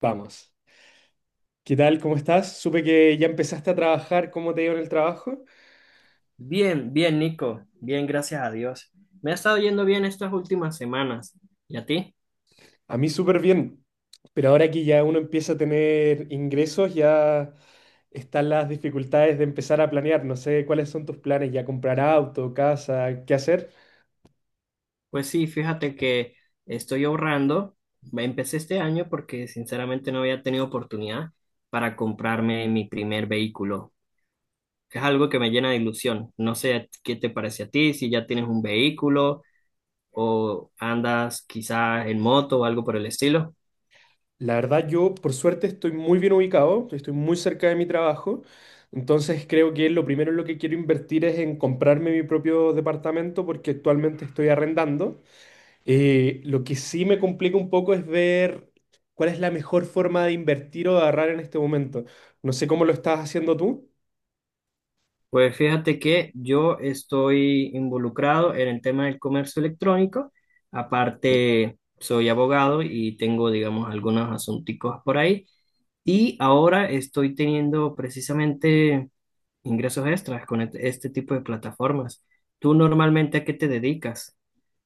Vamos. ¿Qué tal? ¿Cómo estás? Supe que ya empezaste a trabajar. ¿Cómo te ha ido en el trabajo? Bien, bien, Nico. Bien, gracias a Dios. Me ha estado yendo bien estas últimas semanas. ¿Y a ti? A mí súper bien. Pero ahora que ya uno empieza a tener ingresos, ya están las dificultades de empezar a planear. No sé cuáles son tus planes, ya comprar auto, casa, qué hacer. Pues sí, fíjate que estoy ahorrando. Empecé este año porque sinceramente no había tenido oportunidad para comprarme mi primer vehículo. Es algo que me llena de ilusión. No sé qué te parece a ti, si ya tienes un vehículo o andas quizás en moto o algo por el estilo. La verdad, yo por suerte estoy muy bien ubicado, estoy muy cerca de mi trabajo. Entonces creo que lo primero en lo que quiero invertir es en comprarme mi propio departamento porque actualmente estoy arrendando. Lo que sí me complica un poco es ver cuál es la mejor forma de invertir o de ahorrar en este momento. No sé cómo lo estás haciendo tú. Pues fíjate que yo estoy involucrado en el tema del comercio electrónico. Aparte, soy abogado y tengo, digamos, algunos asunticos por ahí. Y ahora estoy teniendo precisamente ingresos extras con este tipo de plataformas. ¿Tú normalmente a qué te dedicas?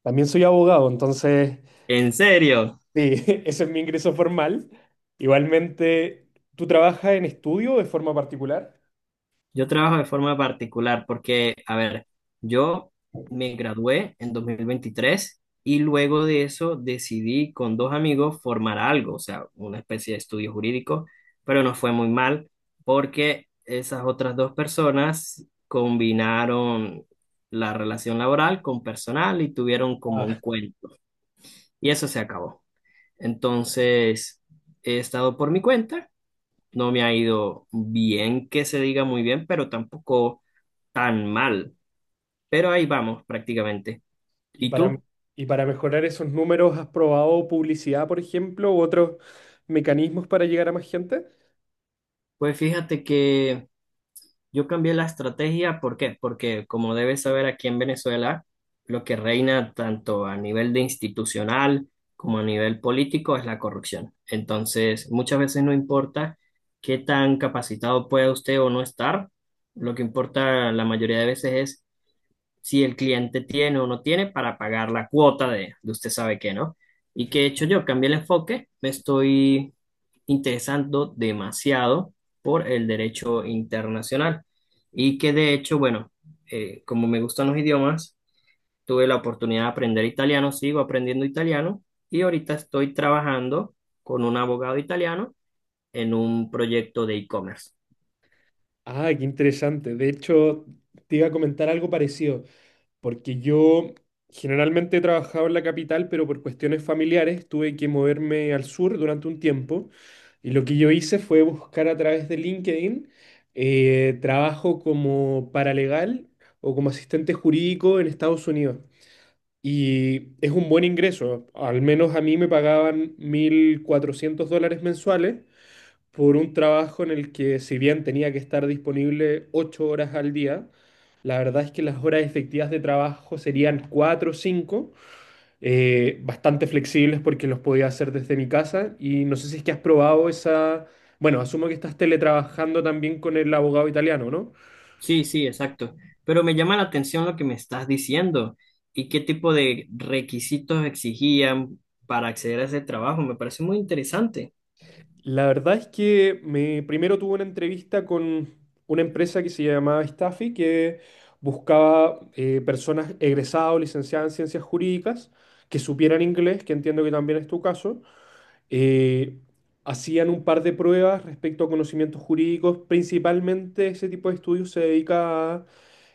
También soy abogado, entonces, ¿En serio? sí, ese es mi ingreso formal. Igualmente, ¿tú trabajas en estudio de forma particular? Yo trabajo de forma particular porque, a ver, yo me gradué en 2023 y luego de eso decidí con dos amigos formar algo, o sea, una especie de estudio jurídico, pero nos fue muy mal porque esas otras dos personas combinaron la relación laboral con personal y tuvieron como Ah, un cuento y eso se acabó. Entonces, he estado por mi cuenta, no me ha ido bien que se diga muy bien, pero tampoco tan mal, pero ahí vamos prácticamente. y ¿Y para, tú? y para mejorar esos números, ¿has probado publicidad, por ejemplo, u otros mecanismos para llegar a más gente? Pues fíjate que yo cambié la estrategia, ¿por qué? Porque como debes saber aquí en Venezuela, lo que reina tanto a nivel de institucional como a nivel político es la corrupción. Entonces, muchas veces no importa qué tan capacitado pueda usted o no estar, lo que importa la mayoría de veces es si el cliente tiene o no tiene para pagar la cuota de usted sabe qué, ¿no? ¿Y qué he hecho yo? Cambié el enfoque, me estoy interesando demasiado por el derecho internacional y que de hecho, bueno, como me gustan los idiomas, tuve la oportunidad de aprender italiano, sigo aprendiendo italiano y ahorita estoy trabajando con un abogado italiano en un proyecto de e-commerce. Ah, qué interesante. De hecho, te iba a comentar algo parecido. Porque yo generalmente he trabajado en la capital, pero por cuestiones familiares tuve que moverme al sur durante un tiempo. Y lo que yo hice fue buscar a través de LinkedIn trabajo como paralegal o como asistente jurídico en Estados Unidos. Y es un buen ingreso. Al menos a mí me pagaban $1,400 mensuales por un trabajo en el que si bien tenía que estar disponible 8 horas al día, la verdad es que las horas efectivas de trabajo serían cuatro o cinco, bastante flexibles porque los podía hacer desde mi casa y no sé si es que has probado esa, bueno, asumo que estás teletrabajando también con el abogado italiano, ¿no? Sí, sí, exacto. Pero me llama la atención lo que me estás diciendo y qué tipo de requisitos exigían para acceder a ese trabajo. Me parece muy interesante. La verdad es que me, primero tuve una entrevista con una empresa que se llamaba Staffy, que buscaba personas egresadas o licenciadas en ciencias jurídicas que supieran inglés, que entiendo que también es tu caso. Eh, Hacían un par de pruebas respecto a conocimientos jurídicos. Principalmente ese tipo de estudios se dedica a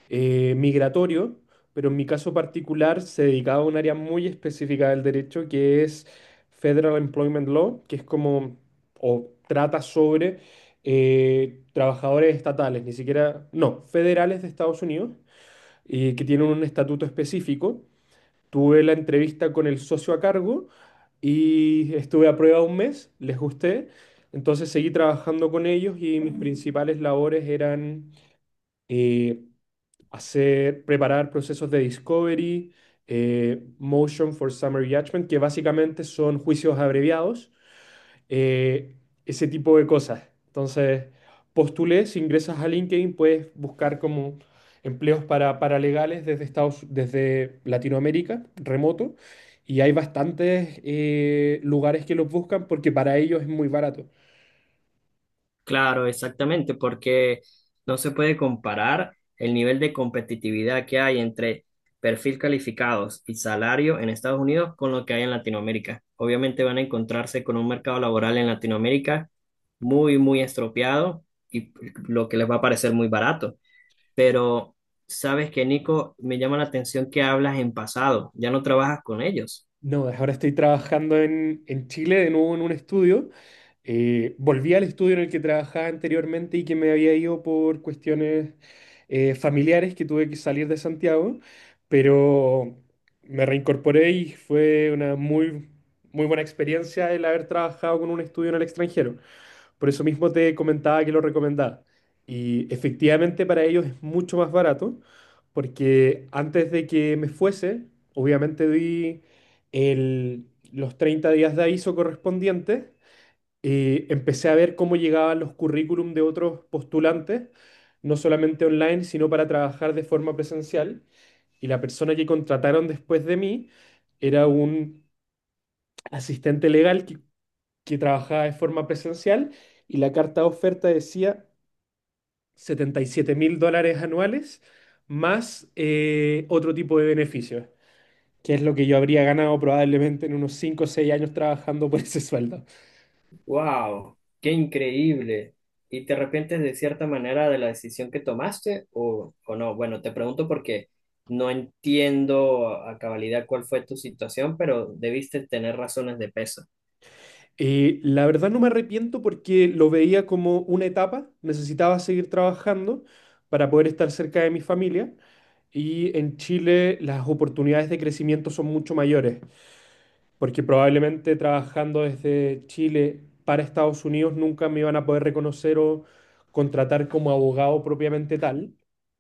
migratorio, pero en mi caso particular se dedicaba a un área muy específica del derecho que es Federal Employment Law, que es como, o trata sobre trabajadores estatales, ni siquiera, no, federales de Estados Unidos, y que tienen un estatuto específico. Tuve la entrevista con el socio a cargo y estuve a prueba un mes, les gusté. Entonces seguí trabajando con ellos y mis principales labores eran eh, hacer, preparar procesos de discovery, motion for summary judgment, que básicamente son juicios abreviados, eh, ese tipo de cosas. Entonces, postulé, si ingresas a LinkedIn, puedes buscar como empleos para paralegales desde Estados, desde Latinoamérica, remoto, y hay bastantes lugares que los buscan porque para ellos es muy barato. Claro, exactamente, porque no se puede comparar el nivel de competitividad que hay entre perfil calificados y salario en Estados Unidos con lo que hay en Latinoamérica. Obviamente van a encontrarse con un mercado laboral en Latinoamérica muy, muy estropeado y lo que les va a parecer muy barato. Pero sabes que, Nico, me llama la atención que hablas en pasado, ya no trabajas con ellos. No, ahora estoy trabajando en Chile de nuevo en un estudio. Volví al estudio en el que trabajaba anteriormente y que me había ido por cuestiones familiares que tuve que salir de Santiago, pero me reincorporé y fue una muy buena experiencia el haber trabajado con un estudio en el extranjero. Por eso mismo te comentaba que lo recomendaba. Y efectivamente para ellos es mucho más barato, porque antes de que me fuese, obviamente di el- los 30 días de aviso correspondientes, empecé a ver cómo llegaban los currículum de otros postulantes, no solamente online, sino para trabajar de forma presencial. Y la persona que contrataron después de mí era un asistente legal que trabajaba de forma presencial y la carta de oferta decía $77,000 anuales más otro tipo de beneficios, que es lo que yo habría ganado probablemente en unos 5 o 6 años trabajando por ese sueldo. Wow, qué increíble. ¿Y te arrepientes de cierta manera de la decisión que tomaste o no? Bueno, te pregunto porque no entiendo a cabalidad cuál fue tu situación, pero debiste tener razones de peso. La verdad no me arrepiento porque lo veía como una etapa, necesitaba seguir trabajando para poder estar cerca de mi familia. Y en Chile las oportunidades de crecimiento son mucho mayores. Porque probablemente trabajando desde Chile para Estados Unidos nunca me iban a poder reconocer o contratar como abogado propiamente tal.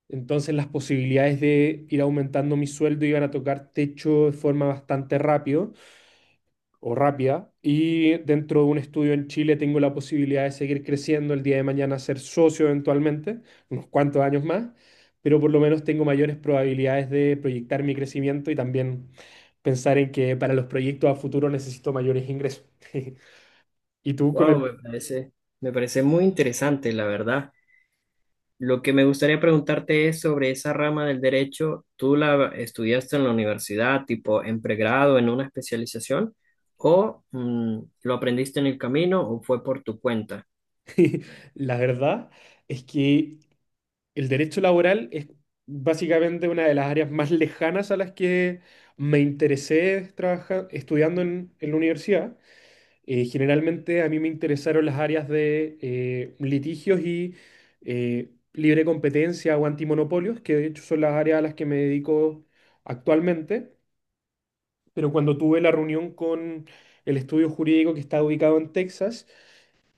Entonces las posibilidades de ir aumentando mi sueldo iban a tocar techo de forma bastante rápido o rápida. Y dentro de un estudio en Chile tengo la posibilidad de seguir creciendo el día de mañana, ser socio eventualmente, unos cuantos años más, pero por lo menos tengo mayores probabilidades de proyectar mi crecimiento y también pensar en que para los proyectos a futuro necesito mayores ingresos. Y tú con Wow, el... me parece muy interesante, la verdad. Lo que me gustaría preguntarte es sobre esa rama del derecho. ¿Tú la estudiaste en la universidad, tipo en pregrado, en una especialización, o lo aprendiste en el camino o fue por tu cuenta? La verdad es que el derecho laboral es básicamente una de las áreas más lejanas a las que me interesé estudiando en la universidad. Generalmente a mí me interesaron las áreas de litigios y libre competencia o antimonopolios, que de hecho son las áreas a las que me dedico actualmente. Pero cuando tuve la reunión con el estudio jurídico que está ubicado en Texas,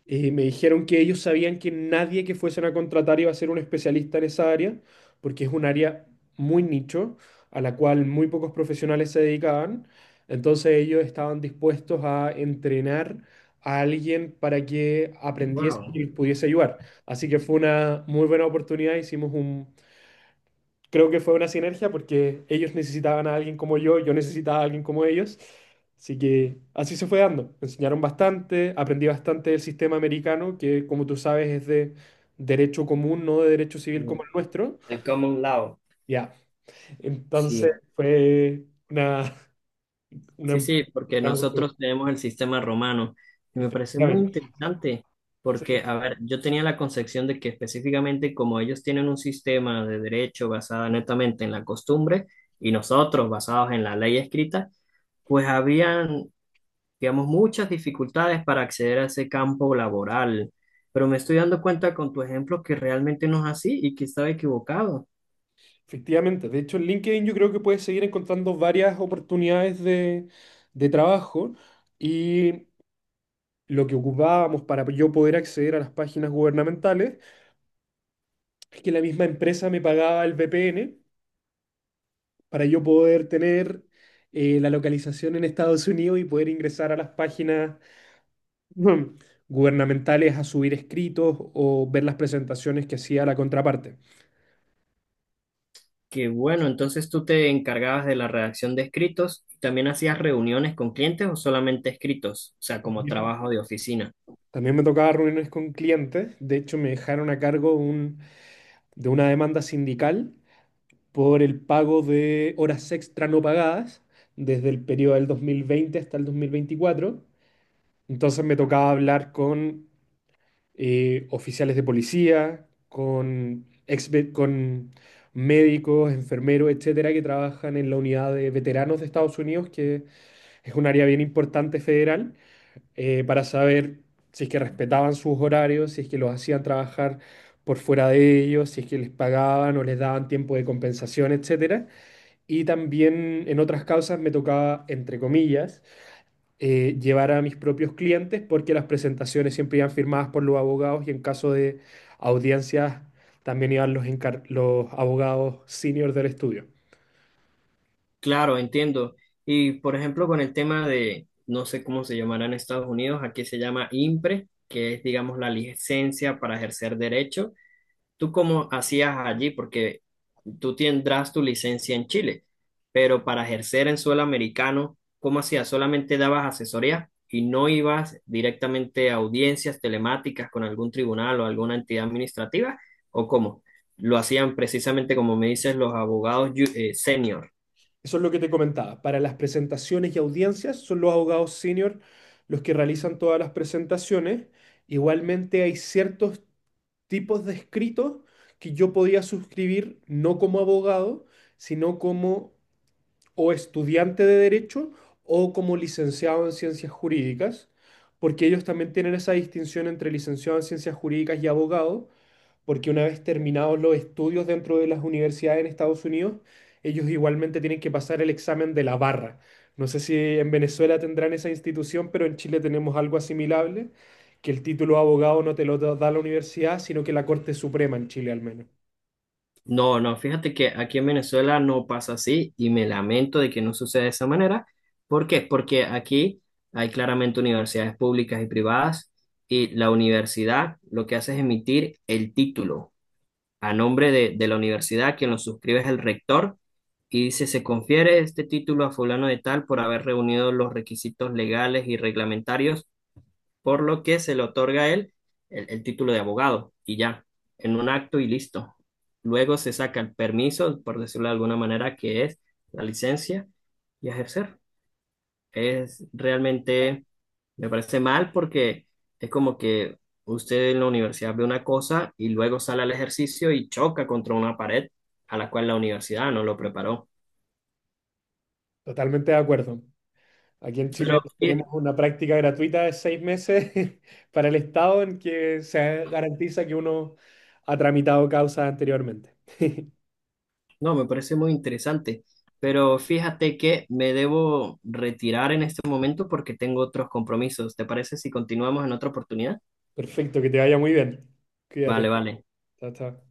me dijeron que ellos sabían que nadie que fuesen a contratar iba a ser un especialista en esa área, porque es un área muy nicho, a la cual muy pocos profesionales se dedicaban. Entonces ellos estaban dispuestos a entrenar a alguien para que aprendiese y Wow. les pudiese ayudar. Así que fue una muy buena oportunidad. Hicimos un Creo que fue una sinergia porque ellos necesitaban a alguien como yo necesitaba a alguien como ellos. Así que así se fue dando. Me enseñaron bastante, aprendí bastante del sistema americano, que como tú sabes es de derecho común, no de derecho civil como Ujú. el nuestro. El common law, Ya, entonces sí. fue una, Sí, una, sí, porque una oportunidad. nosotros tenemos el sistema romano y me parece muy Efectivamente. interesante Sí, porque, a ver, yo tenía la concepción de que específicamente como ellos tienen un sistema de derecho basado netamente en la costumbre y nosotros basados en la ley escrita, pues habían, digamos, muchas dificultades para acceder a ese campo laboral. Pero me estoy dando cuenta con tu ejemplo que realmente no es así y que estaba equivocado. efectivamente. De hecho, en LinkedIn yo creo que puedes seguir encontrando varias oportunidades de trabajo. Y lo que ocupábamos para yo poder acceder a las páginas gubernamentales, es que la misma empresa me pagaba el VPN para yo poder tener la localización en Estados Unidos y poder ingresar a las páginas mm, gubernamentales a subir escritos o ver las presentaciones que hacía la contraparte. Qué bueno, entonces tú te encargabas de la redacción de escritos y también hacías reuniones con clientes o solamente escritos, o sea, como Bien. trabajo de oficina. También me tocaba reuniones con clientes, de hecho me dejaron a cargo de una demanda sindical por el pago de horas extra no pagadas desde el periodo del 2020 hasta el 2024. Entonces me tocaba hablar con oficiales de policía, con médicos, enfermeros, etcétera, que trabajan en la unidad de veteranos de Estados Unidos, que es un área bien importante federal, para saber si es que respetaban sus horarios, si es que los hacían trabajar por fuera de ellos, si es que les pagaban o les daban tiempo de compensación, etcétera. Y también en otras causas me tocaba, entre comillas, llevar a mis propios clientes porque las presentaciones siempre iban firmadas por los abogados y en caso de audiencias también iban los abogados senior del estudio. Claro, entiendo. Y por ejemplo, con el tema de, no sé cómo se llamará en Estados Unidos, aquí se llama IMPRE, que es, digamos, la licencia para ejercer derecho. ¿Tú cómo hacías allí? Porque tú tendrás tu licencia en Chile, pero para ejercer en suelo americano, ¿cómo hacías? ¿Solamente dabas asesoría y no ibas directamente a audiencias telemáticas con algún tribunal o alguna entidad administrativa? ¿O cómo? Lo hacían precisamente como me dices los abogados senior. Eso es lo que te comentaba. Para las presentaciones y audiencias son los abogados senior los que realizan todas las presentaciones. Igualmente hay ciertos tipos de escritos que yo podía suscribir no como abogado, sino como o estudiante de derecho o como licenciado en ciencias jurídicas, porque ellos también tienen esa distinción entre licenciado en ciencias jurídicas y abogado, porque una vez terminados los estudios dentro de las universidades en Estados Unidos, ellos igualmente tienen que pasar el examen de la barra. No sé si en Venezuela tendrán esa institución, pero en Chile tenemos algo asimilable, que el título de abogado no te lo da la universidad, sino que la Corte Suprema en Chile al menos. No, no, fíjate que aquí en Venezuela no pasa así y me lamento de que no suceda de esa manera. ¿Por qué? Porque aquí hay claramente universidades públicas y privadas y la universidad lo que hace es emitir el título a nombre de la universidad, quien lo suscribe es el rector y dice, se confiere este título a fulano de tal por haber reunido los requisitos legales y reglamentarios por lo que se le otorga a él el título de abogado y ya, en un acto y listo. Luego se saca el permiso, por decirlo de alguna manera, que es la licencia y ejercer. Es realmente, me parece mal porque es como que usted en la universidad ve una cosa y luego sale al ejercicio y choca contra una pared a la cual la universidad no lo preparó. Totalmente de acuerdo. Aquí en Chile Pero, tenemos una práctica gratuita de 6 meses para el Estado en que se garantiza que uno ha tramitado causas anteriormente. no, me parece muy interesante, pero fíjate que me debo retirar en este momento porque tengo otros compromisos. ¿Te parece si continuamos en otra oportunidad? Perfecto, que te vaya muy bien. Vale, Cuídate. vale. Chao, chao.